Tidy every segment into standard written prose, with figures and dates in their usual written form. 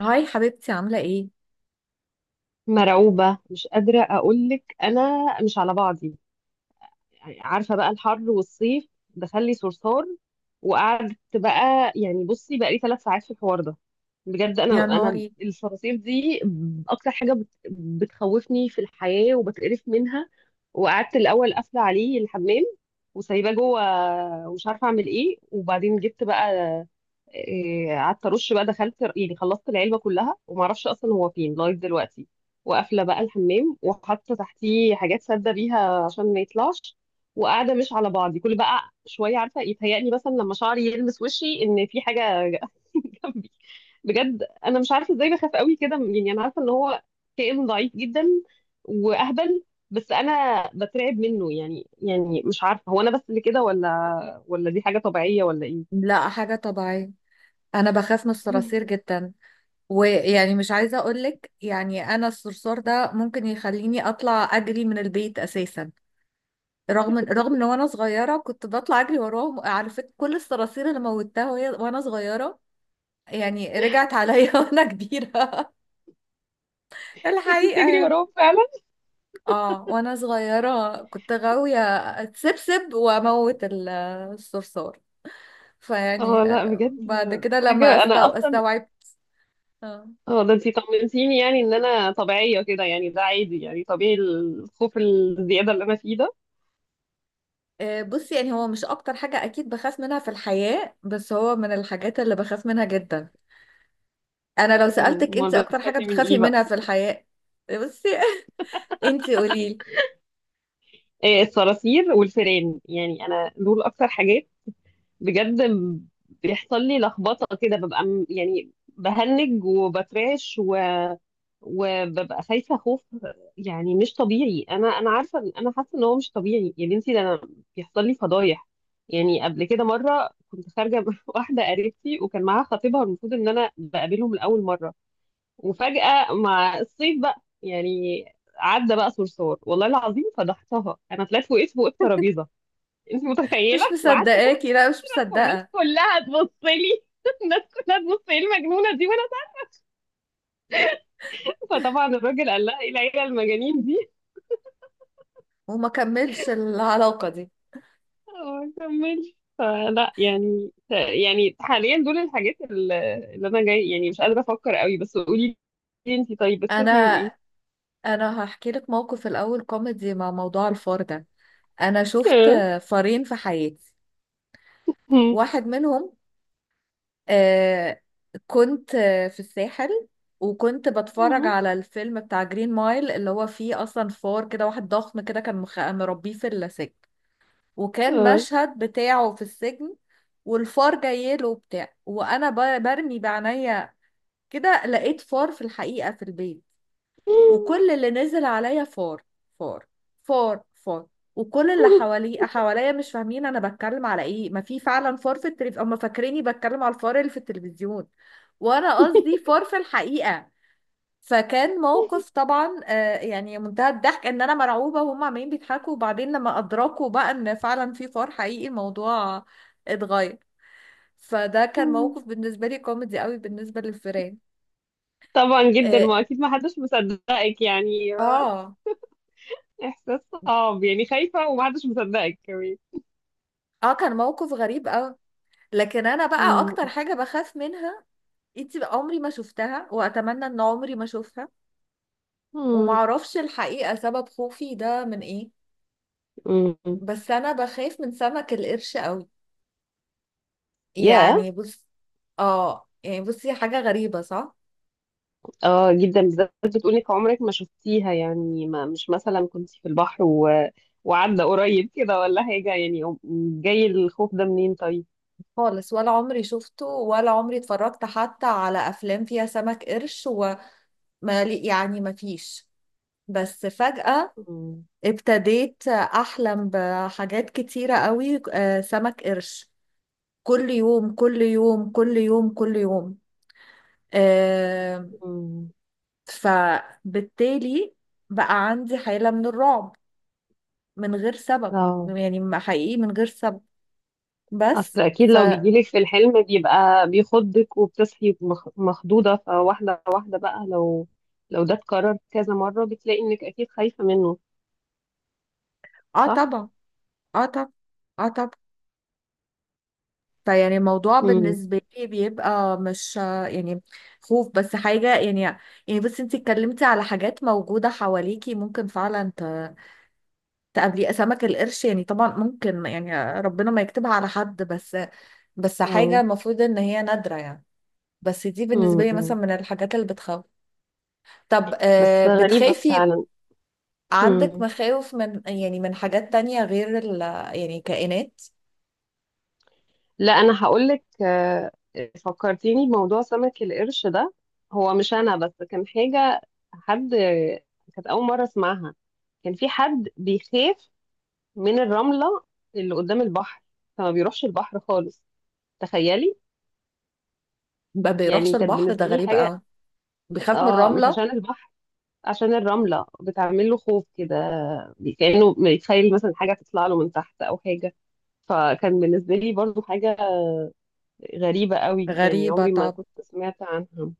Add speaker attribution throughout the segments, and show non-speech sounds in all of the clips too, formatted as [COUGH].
Speaker 1: هاي حبيبتي، عاملة ايه؟
Speaker 2: مرعوبة، مش قادرة أقولك، أنا مش على بعضي. يعني عارفة بقى الحر والصيف دخلي صرصار. وقعدت بقى يعني بصي بقى لي 3 ساعات في الحوار ده. بجد
Speaker 1: يا
Speaker 2: أنا
Speaker 1: نهاري!
Speaker 2: الصراصير دي أكتر حاجة بتخوفني في الحياة وبتقرف منها. وقعدت الأول قافلة عليه الحمام وسايباه جوه، ومش عارفة أعمل إيه. وبعدين جبت بقى إيه، قعدت ارش بقى، دخلت يعني خلصت العلبه كلها وما اعرفش اصلا هو فين لغايه دلوقتي. وقافله بقى الحمام وحاطه تحتيه حاجات ساده بيها عشان ما يطلعش. وقاعده مش على بعضي، كل بقى شويه عارفه يتهيألي مثلا لما شعري يلمس وشي ان في حاجه [LAUGHS] جنبي. بجد انا مش عارفه ازاي بخاف قوي كده، يعني انا عارفه ان هو كائن ضعيف جدا واهبل، بس انا بترعب منه. يعني مش عارفه هو انا بس اللي كده ولا دي حاجه طبيعيه ولا ايه.
Speaker 1: لا، حاجة طبيعية. أنا بخاف من الصراصير
Speaker 2: [LAUGHS]
Speaker 1: جدا، ويعني مش عايزة أقولك، يعني أنا الصرصار ده ممكن يخليني أطلع أجري من البيت أساسا. رغم إن وأنا صغيرة كنت بطلع أجري وراهم، على فكرة كل الصراصير اللي موتها وهي وأنا صغيرة، يعني رجعت عليا [LAUGHS] وأنا كبيرة. [LAUGHS]
Speaker 2: كنت
Speaker 1: الحقيقة،
Speaker 2: بتجري
Speaker 1: يعني
Speaker 2: وراهم فعلا؟
Speaker 1: اه، وأنا صغيرة كنت غاوية أتسبسب وأموت الصرصار.
Speaker 2: اه
Speaker 1: فيعني
Speaker 2: لا بجد،
Speaker 1: بعد كده لما
Speaker 2: حاجة أنا أصلا.
Speaker 1: استوعبت. اه،
Speaker 2: اه ده انتي طمنتيني يعني إن أنا طبيعية كده، يعني ده عادي، يعني طبيعي الخوف الزيادة اللي أنا فيه ده.
Speaker 1: بصي، يعني هو مش اكتر حاجة اكيد بخاف منها في الحياة، بس هو من الحاجات اللي بخاف منها جدا. انا لو سألتك، انت
Speaker 2: أمال
Speaker 1: اكتر حاجة
Speaker 2: بتخافي من
Speaker 1: بتخافي
Speaker 2: إيه
Speaker 1: منها
Speaker 2: بقى؟
Speaker 1: في الحياة؟ بصي [LAUGHS] انت قوليلي.
Speaker 2: إيه، الصراصير والفئران، يعني أنا دول أكتر حاجات بجد. بيحصل لي لخبطة كده، ببقى يعني بهنج وبترعش وببقى خايفة خوف يعني مش طبيعي. أنا عارفة أنا حاسة إن هو مش طبيعي يا بنتي، ده أنا بيحصل لي فضايح. يعني قبل كده مرة كنت خارجة مع [LAUGHS] واحدة قريبتي، وكان معاها خطيبها، والمفروض إن أنا بقابلهم لأول مرة. وفجأة مع الصيف بقى يعني عدى بقى صرصار، والله العظيم فضحتها، أنا طلعت وقفت فوق الترابيزة. أنت متخيلة؟
Speaker 1: مش
Speaker 2: وقعدت
Speaker 1: مصدقاكي، لا مش
Speaker 2: والناس
Speaker 1: مصدقة.
Speaker 2: كلها تبص لي، [LAUGHS] الناس كلها تبص ايه المجنونه دي، وانا ساكته. فطبعا الراجل قال لها ايه العيله المجانين دي. [LAUGHS]
Speaker 1: وما كملش العلاقة دي.
Speaker 2: وما كملش، فلا يعني. يعني حاليا دول الحاجات اللي انا جاي يعني مش قادره افكر قوي، بس قولي لي انتي، طيب بتخافي من
Speaker 1: انا
Speaker 2: ايه؟
Speaker 1: انا هحكي لك موقف الاول كوميدي مع موضوع الفار ده. انا شفت
Speaker 2: [LAUGHS]
Speaker 1: فارين في حياتي، واحد منهم. آه كنت في الساحل، وكنت بتفرج على الفيلم بتاع جرين مايل، اللي هو فيه اصلا فار كده واحد ضخم كده، كان مربيه في السجن، وكان مشهد بتاعه في السجن، والفار جاي له وبتاع، وانا برمي بعينيا كده لقيت فار في الحقيقة في البيت، وكل اللي نزل عليا فار، فار، فار، فار. وكل اللي حواليا مش فاهمين انا بتكلم على ايه، ما في فعلا فار في التلفزيون، هم فاكريني بتكلم على الفار اللي في التلفزيون، وانا قصدي فار في الحقيقة. فكان موقف طبعا يعني منتهى الضحك، ان انا مرعوبة وهم عمالين بيضحكوا، وبعدين لما ادركوا بقى ان فعلا في فار حقيقي، الموضوع اتغير. فده كان موقف بالنسبة لي كوميدي قوي بالنسبة للفيران.
Speaker 2: طبعا جدا
Speaker 1: اه،
Speaker 2: ما اكيد ما حدش مصدقك يعني،
Speaker 1: اه.
Speaker 2: احساس صعب يعني خايفه وما حدش مصدقك كمان.
Speaker 1: كان موقف غريب قوي. لكن انا بقى اكتر حاجه بخاف منها، انت بقى، عمري ما شفتها واتمنى ان عمري ما اشوفها، وما اعرفش الحقيقه سبب خوفي ده من ايه، بس انا بخاف من سمك القرش قوي،
Speaker 2: يا.
Speaker 1: يعني بص. اه، يعني بصي، حاجه غريبه، صح؟
Speaker 2: اه جدا، بالذات بتقولك عمرك ما شفتيها، يعني ما مش مثلا كنت في البحر وعدى قريب كده ولا حاجة يعني جاي الخوف ده منين طيب؟
Speaker 1: خالص، ولا عمري شفته، ولا عمري اتفرجت حتى على افلام فيها سمك قرش، يعني ما فيش، بس فجأة
Speaker 2: مم.
Speaker 1: ابتديت احلم بحاجات كتيره قوي، سمك قرش، كل يوم كل يوم كل يوم كل يوم. آه
Speaker 2: مم.
Speaker 1: فبالتالي بقى عندي حالة من الرعب من غير سبب،
Speaker 2: اه.
Speaker 1: يعني ما حقيقي من غير سبب،
Speaker 2: اصل
Speaker 1: بس
Speaker 2: اكيد
Speaker 1: ف.
Speaker 2: لو بيجيلك في الحلم بيبقى بيخضك وبتصحي مخضوضة، فواحدة واحدة بقى، لو ده اتكرر كذا مرة بتلاقي انك اكيد خايفة منه.
Speaker 1: اه
Speaker 2: صح؟
Speaker 1: طبعا. اه طبعا. اه طبعا. فيعني الموضوع
Speaker 2: مم.
Speaker 1: بالنسبة لي بيبقى مش يعني خوف، بس حاجة يعني. يعني بس انتي اتكلمتي على حاجات موجودة حواليكي، ممكن فعلا تقابليه سمك القرش، يعني طبعا ممكن، يعني ربنا ما يكتبها على حد، بس حاجة
Speaker 2: اه.
Speaker 1: المفروض ان هي نادرة يعني، بس دي بالنسبة
Speaker 2: مم.
Speaker 1: لي
Speaker 2: مم.
Speaker 1: مثلا من الحاجات اللي بتخوف. طب
Speaker 2: بس غريبة
Speaker 1: بتخافي، عندك
Speaker 2: فعلا.
Speaker 1: مخاوف من، يعني، من حاجات تانية غير ال، يعني كائنات؟
Speaker 2: لا انا هقولك، فكرتيني بموضوع سمك القرش ده، هو مش انا بس كان حاجه، حد كانت اول مره اسمعها. كان في حد بيخاف من الرمله اللي قدام البحر، فما بيروحش البحر خالص. تخيلي.
Speaker 1: ما بيروحش
Speaker 2: يعني كانت
Speaker 1: البحر، ده
Speaker 2: بالنسبه لي
Speaker 1: غريب
Speaker 2: حاجه.
Speaker 1: قوي. بيخاف من
Speaker 2: اه، مش
Speaker 1: الرملة؟
Speaker 2: عشان البحر، عشان الرمله بتعمل له خوف كده، كانه بيتخيل مثلا حاجه تطلع له من تحت او حاجه. فكان بالنسبه لي برضو حاجه غريبه قوي، يعني
Speaker 1: غريبة.
Speaker 2: عمري ما
Speaker 1: طب.
Speaker 2: كنت سمعت عنها.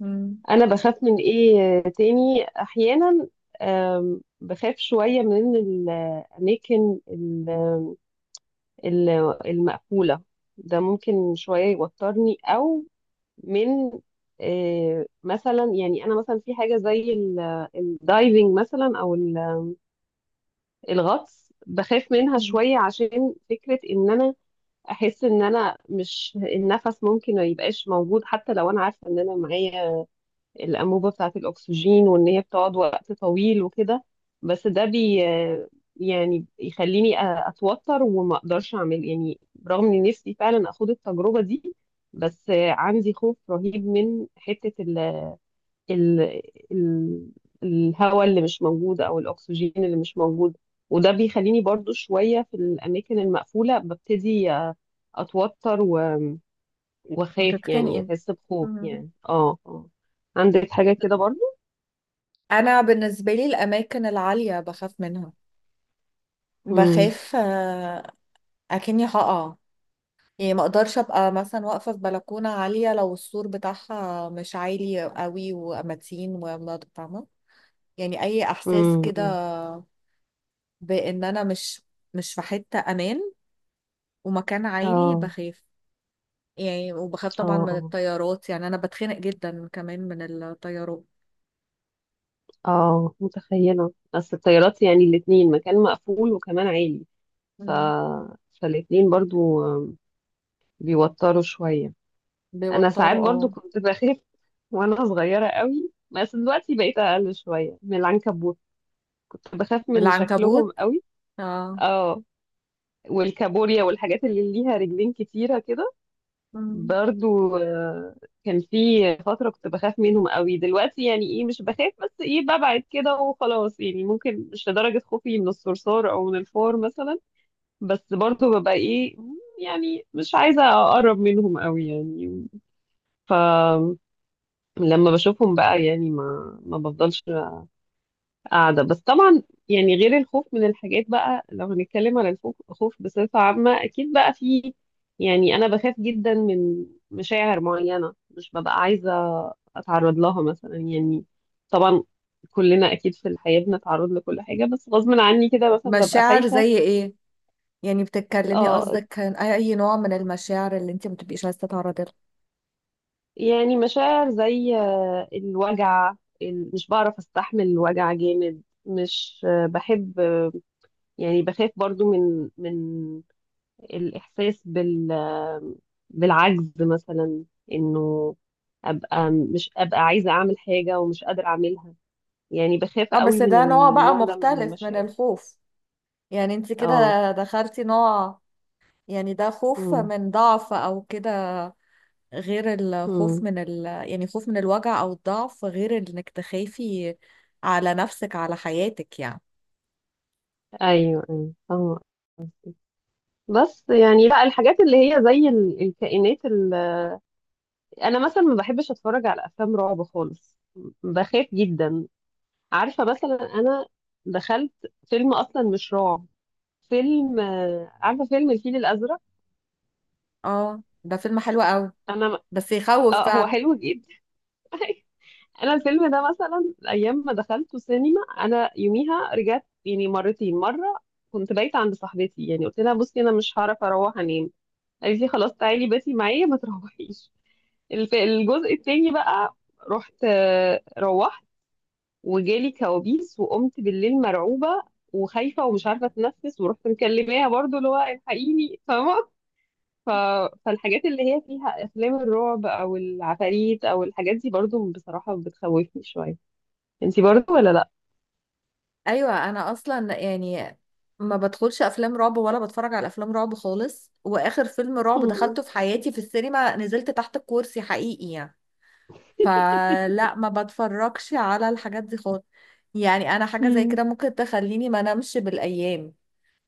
Speaker 1: مم.
Speaker 2: انا بخاف من ايه تاني احيانا؟ بخاف شوية من الأماكن ال- المقفولة. ده ممكن شوية يوترني، أو من مثلا، يعني أنا مثلا في حاجة زي الدايفنج مثلا أو الغطس، بخاف منها
Speaker 1: مم.
Speaker 2: شوية عشان فكرة إن أنا أحس إن أنا مش النفس ممكن ما يبقاش موجود، حتى لو أنا عارفة إن أنا معايا الأنبوبة بتاعة الأكسجين وإن هي بتقعد وقت طويل وكده. بس ده يعني يخليني أتوتر وما أقدرش أعمل يعني، رغم إني نفسي فعلا أخد التجربة دي. بس عندي خوف رهيب من حتة ال ال ال الهواء اللي مش موجود أو الأكسجين اللي مش موجود. وده بيخليني برضو شوية في الأماكن المقفولة ببتدي أتوتر و وأخاف يعني
Speaker 1: هتتخنقي.
Speaker 2: أحس بخوف
Speaker 1: مم.
Speaker 2: يعني اه اه. عندك حاجة كده برضو؟
Speaker 1: انا بالنسبة لي الاماكن العالية بخاف منها،
Speaker 2: امم.
Speaker 1: بخاف، اكني هقع، يعني ما اقدرش ابقى مثلا واقفه في بلكونه عاليه، لو السور بتاعها مش عالي قوي ومتين فاهمه، يعني اي احساس
Speaker 2: امم.
Speaker 1: كده
Speaker 2: امم.
Speaker 1: بان انا مش في حته امان، ومكان عالي
Speaker 2: اه.
Speaker 1: بخاف، يعني. وبخاف
Speaker 2: اه.
Speaker 1: طبعا من
Speaker 2: اه.
Speaker 1: الطيارات، يعني انا بتخنق جدا كمان من الطيارات.
Speaker 2: اه متخيلة، اصل الطيارات يعني الاتنين مكان مقفول وكمان عالي. ف
Speaker 1: مم.
Speaker 2: فالاتنين برضو بيوتروا شوية. انا ساعات
Speaker 1: بيوتروا،
Speaker 2: برضو
Speaker 1: اه.
Speaker 2: كنت بخاف وانا صغيرة قوي، بس دلوقتي بقيت اقل شوية. من العنكبوت كنت بخاف من شكلهم
Speaker 1: العنكبوت،
Speaker 2: قوي.
Speaker 1: اه.
Speaker 2: اه، والكابوريا والحاجات اللي ليها رجلين كتيرة كده
Speaker 1: مم.
Speaker 2: برضو، كان في فترة كنت بخاف منهم قوي. دلوقتي يعني ايه، مش بخاف بس ايه ببعد كده وخلاص، يعني ممكن مش لدرجة خوفي من الصرصار او من الفار مثلا، بس برضو ببقى ايه، يعني مش عايزة اقرب منهم قوي يعني. فلما بشوفهم بقى يعني ما بفضلش قاعدة. بس طبعا يعني غير الخوف من الحاجات بقى، لو هنتكلم على الخوف، خوف بصفة عامة أكيد بقى في، يعني أنا بخاف جدا من مشاعر معينة، مش ببقى عايزة أتعرض لها مثلا يعني. طبعا كلنا أكيد في الحياة بنتعرض لكل حاجة، بس غصب عني كده مثلا ببقى
Speaker 1: مشاعر
Speaker 2: خايفة.
Speaker 1: زي ايه؟ يعني بتتكلمي
Speaker 2: اه،
Speaker 1: قصدك عن اي نوع من المشاعر اللي انت ما بتبقيش عايزه تتعرضي لها؟
Speaker 2: يعني مشاعر زي الوجع، مش بعرف أستحمل الوجع جامد، مش بحب يعني بخاف برضو من الإحساس بالعجز مثلا، إنه مش أبقى عايزة أعمل حاجة ومش قادرة أعملها. يعني بخاف
Speaker 1: اه،
Speaker 2: قوي
Speaker 1: بس
Speaker 2: من
Speaker 1: ده نوع بقى
Speaker 2: النوع ده من
Speaker 1: مختلف من
Speaker 2: المشاعر.
Speaker 1: الخوف، يعني انت كده
Speaker 2: اه.
Speaker 1: دخلتي نوع، يعني ده خوف
Speaker 2: امم.
Speaker 1: من ضعف او كده، غير الخوف
Speaker 2: امم.
Speaker 1: من ال، يعني خوف من الوجع او الضعف، غير انك تخافي على نفسك على حياتك يعني.
Speaker 2: ايوه ايوه فاهمة قصدك. بس يعني لا، الحاجات اللي هي زي الكائنات انا مثلا ما بحبش اتفرج على افلام رعب خالص، بخاف جدا. عارفه مثلا انا دخلت فيلم اصلا مش رعب، فيلم عارفه فيلم الفيل الازرق.
Speaker 1: اه، ده فيلم حلو قوي،
Speaker 2: انا
Speaker 1: بس يخوف
Speaker 2: اه هو
Speaker 1: فعلا.
Speaker 2: حلو جدا. [LAUGHS] انا الفيلم ده مثلا ايام ما دخلته سينما، انا يوميها رجعت يعني مرتين. مره كنت بايته عند صاحبتي، يعني قلت لها بصي انا مش هعرف اروح انام، قالت لي خلاص تعالي باتي معايا ما تروحيش. الجزء التاني بقى رحت، روحت، وجالي كوابيس وقمت بالليل مرعوبه وخايفه ومش عارفه اتنفس، ورحت مكلماها برضو اللي هو الحقيني فاهمه. ف... فالحاجات اللي هي فيها افلام الرعب او العفاريت او الحاجات دي برضو بصراحة بتخوفني شوية. انتي برضو ولا لا؟
Speaker 1: ايوه، انا اصلا يعني ما بدخلش افلام رعب ولا بتفرج على افلام رعب خالص، واخر فيلم رعب
Speaker 2: مم.
Speaker 1: دخلته في حياتي في السينما نزلت تحت الكرسي حقيقي يعني. فلا، ما بتفرجش على الحاجات دي خالص. يعني انا حاجه زي
Speaker 2: مم.
Speaker 1: كده ممكن تخليني ما انامش بالايام،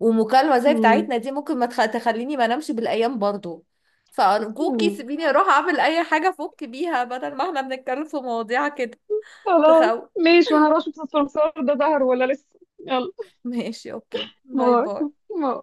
Speaker 1: ومكالمه زي
Speaker 2: مم.
Speaker 1: بتاعتنا دي ممكن ما تخ... تخليني ما انامش بالايام برضو. فارجوكي
Speaker 2: مم.
Speaker 1: سيبيني اروح اعمل اي حاجه افك بيها، بدل ما احنا بنتكلم في مواضيع كده
Speaker 2: خلاص.
Speaker 1: تخوف.
Speaker 2: ماشي، وانا راشد الصرصار ده ظهر ولا لسه، يلا.
Speaker 1: ماشي، اوكي، باي
Speaker 2: باي.
Speaker 1: باي.
Speaker 2: باي.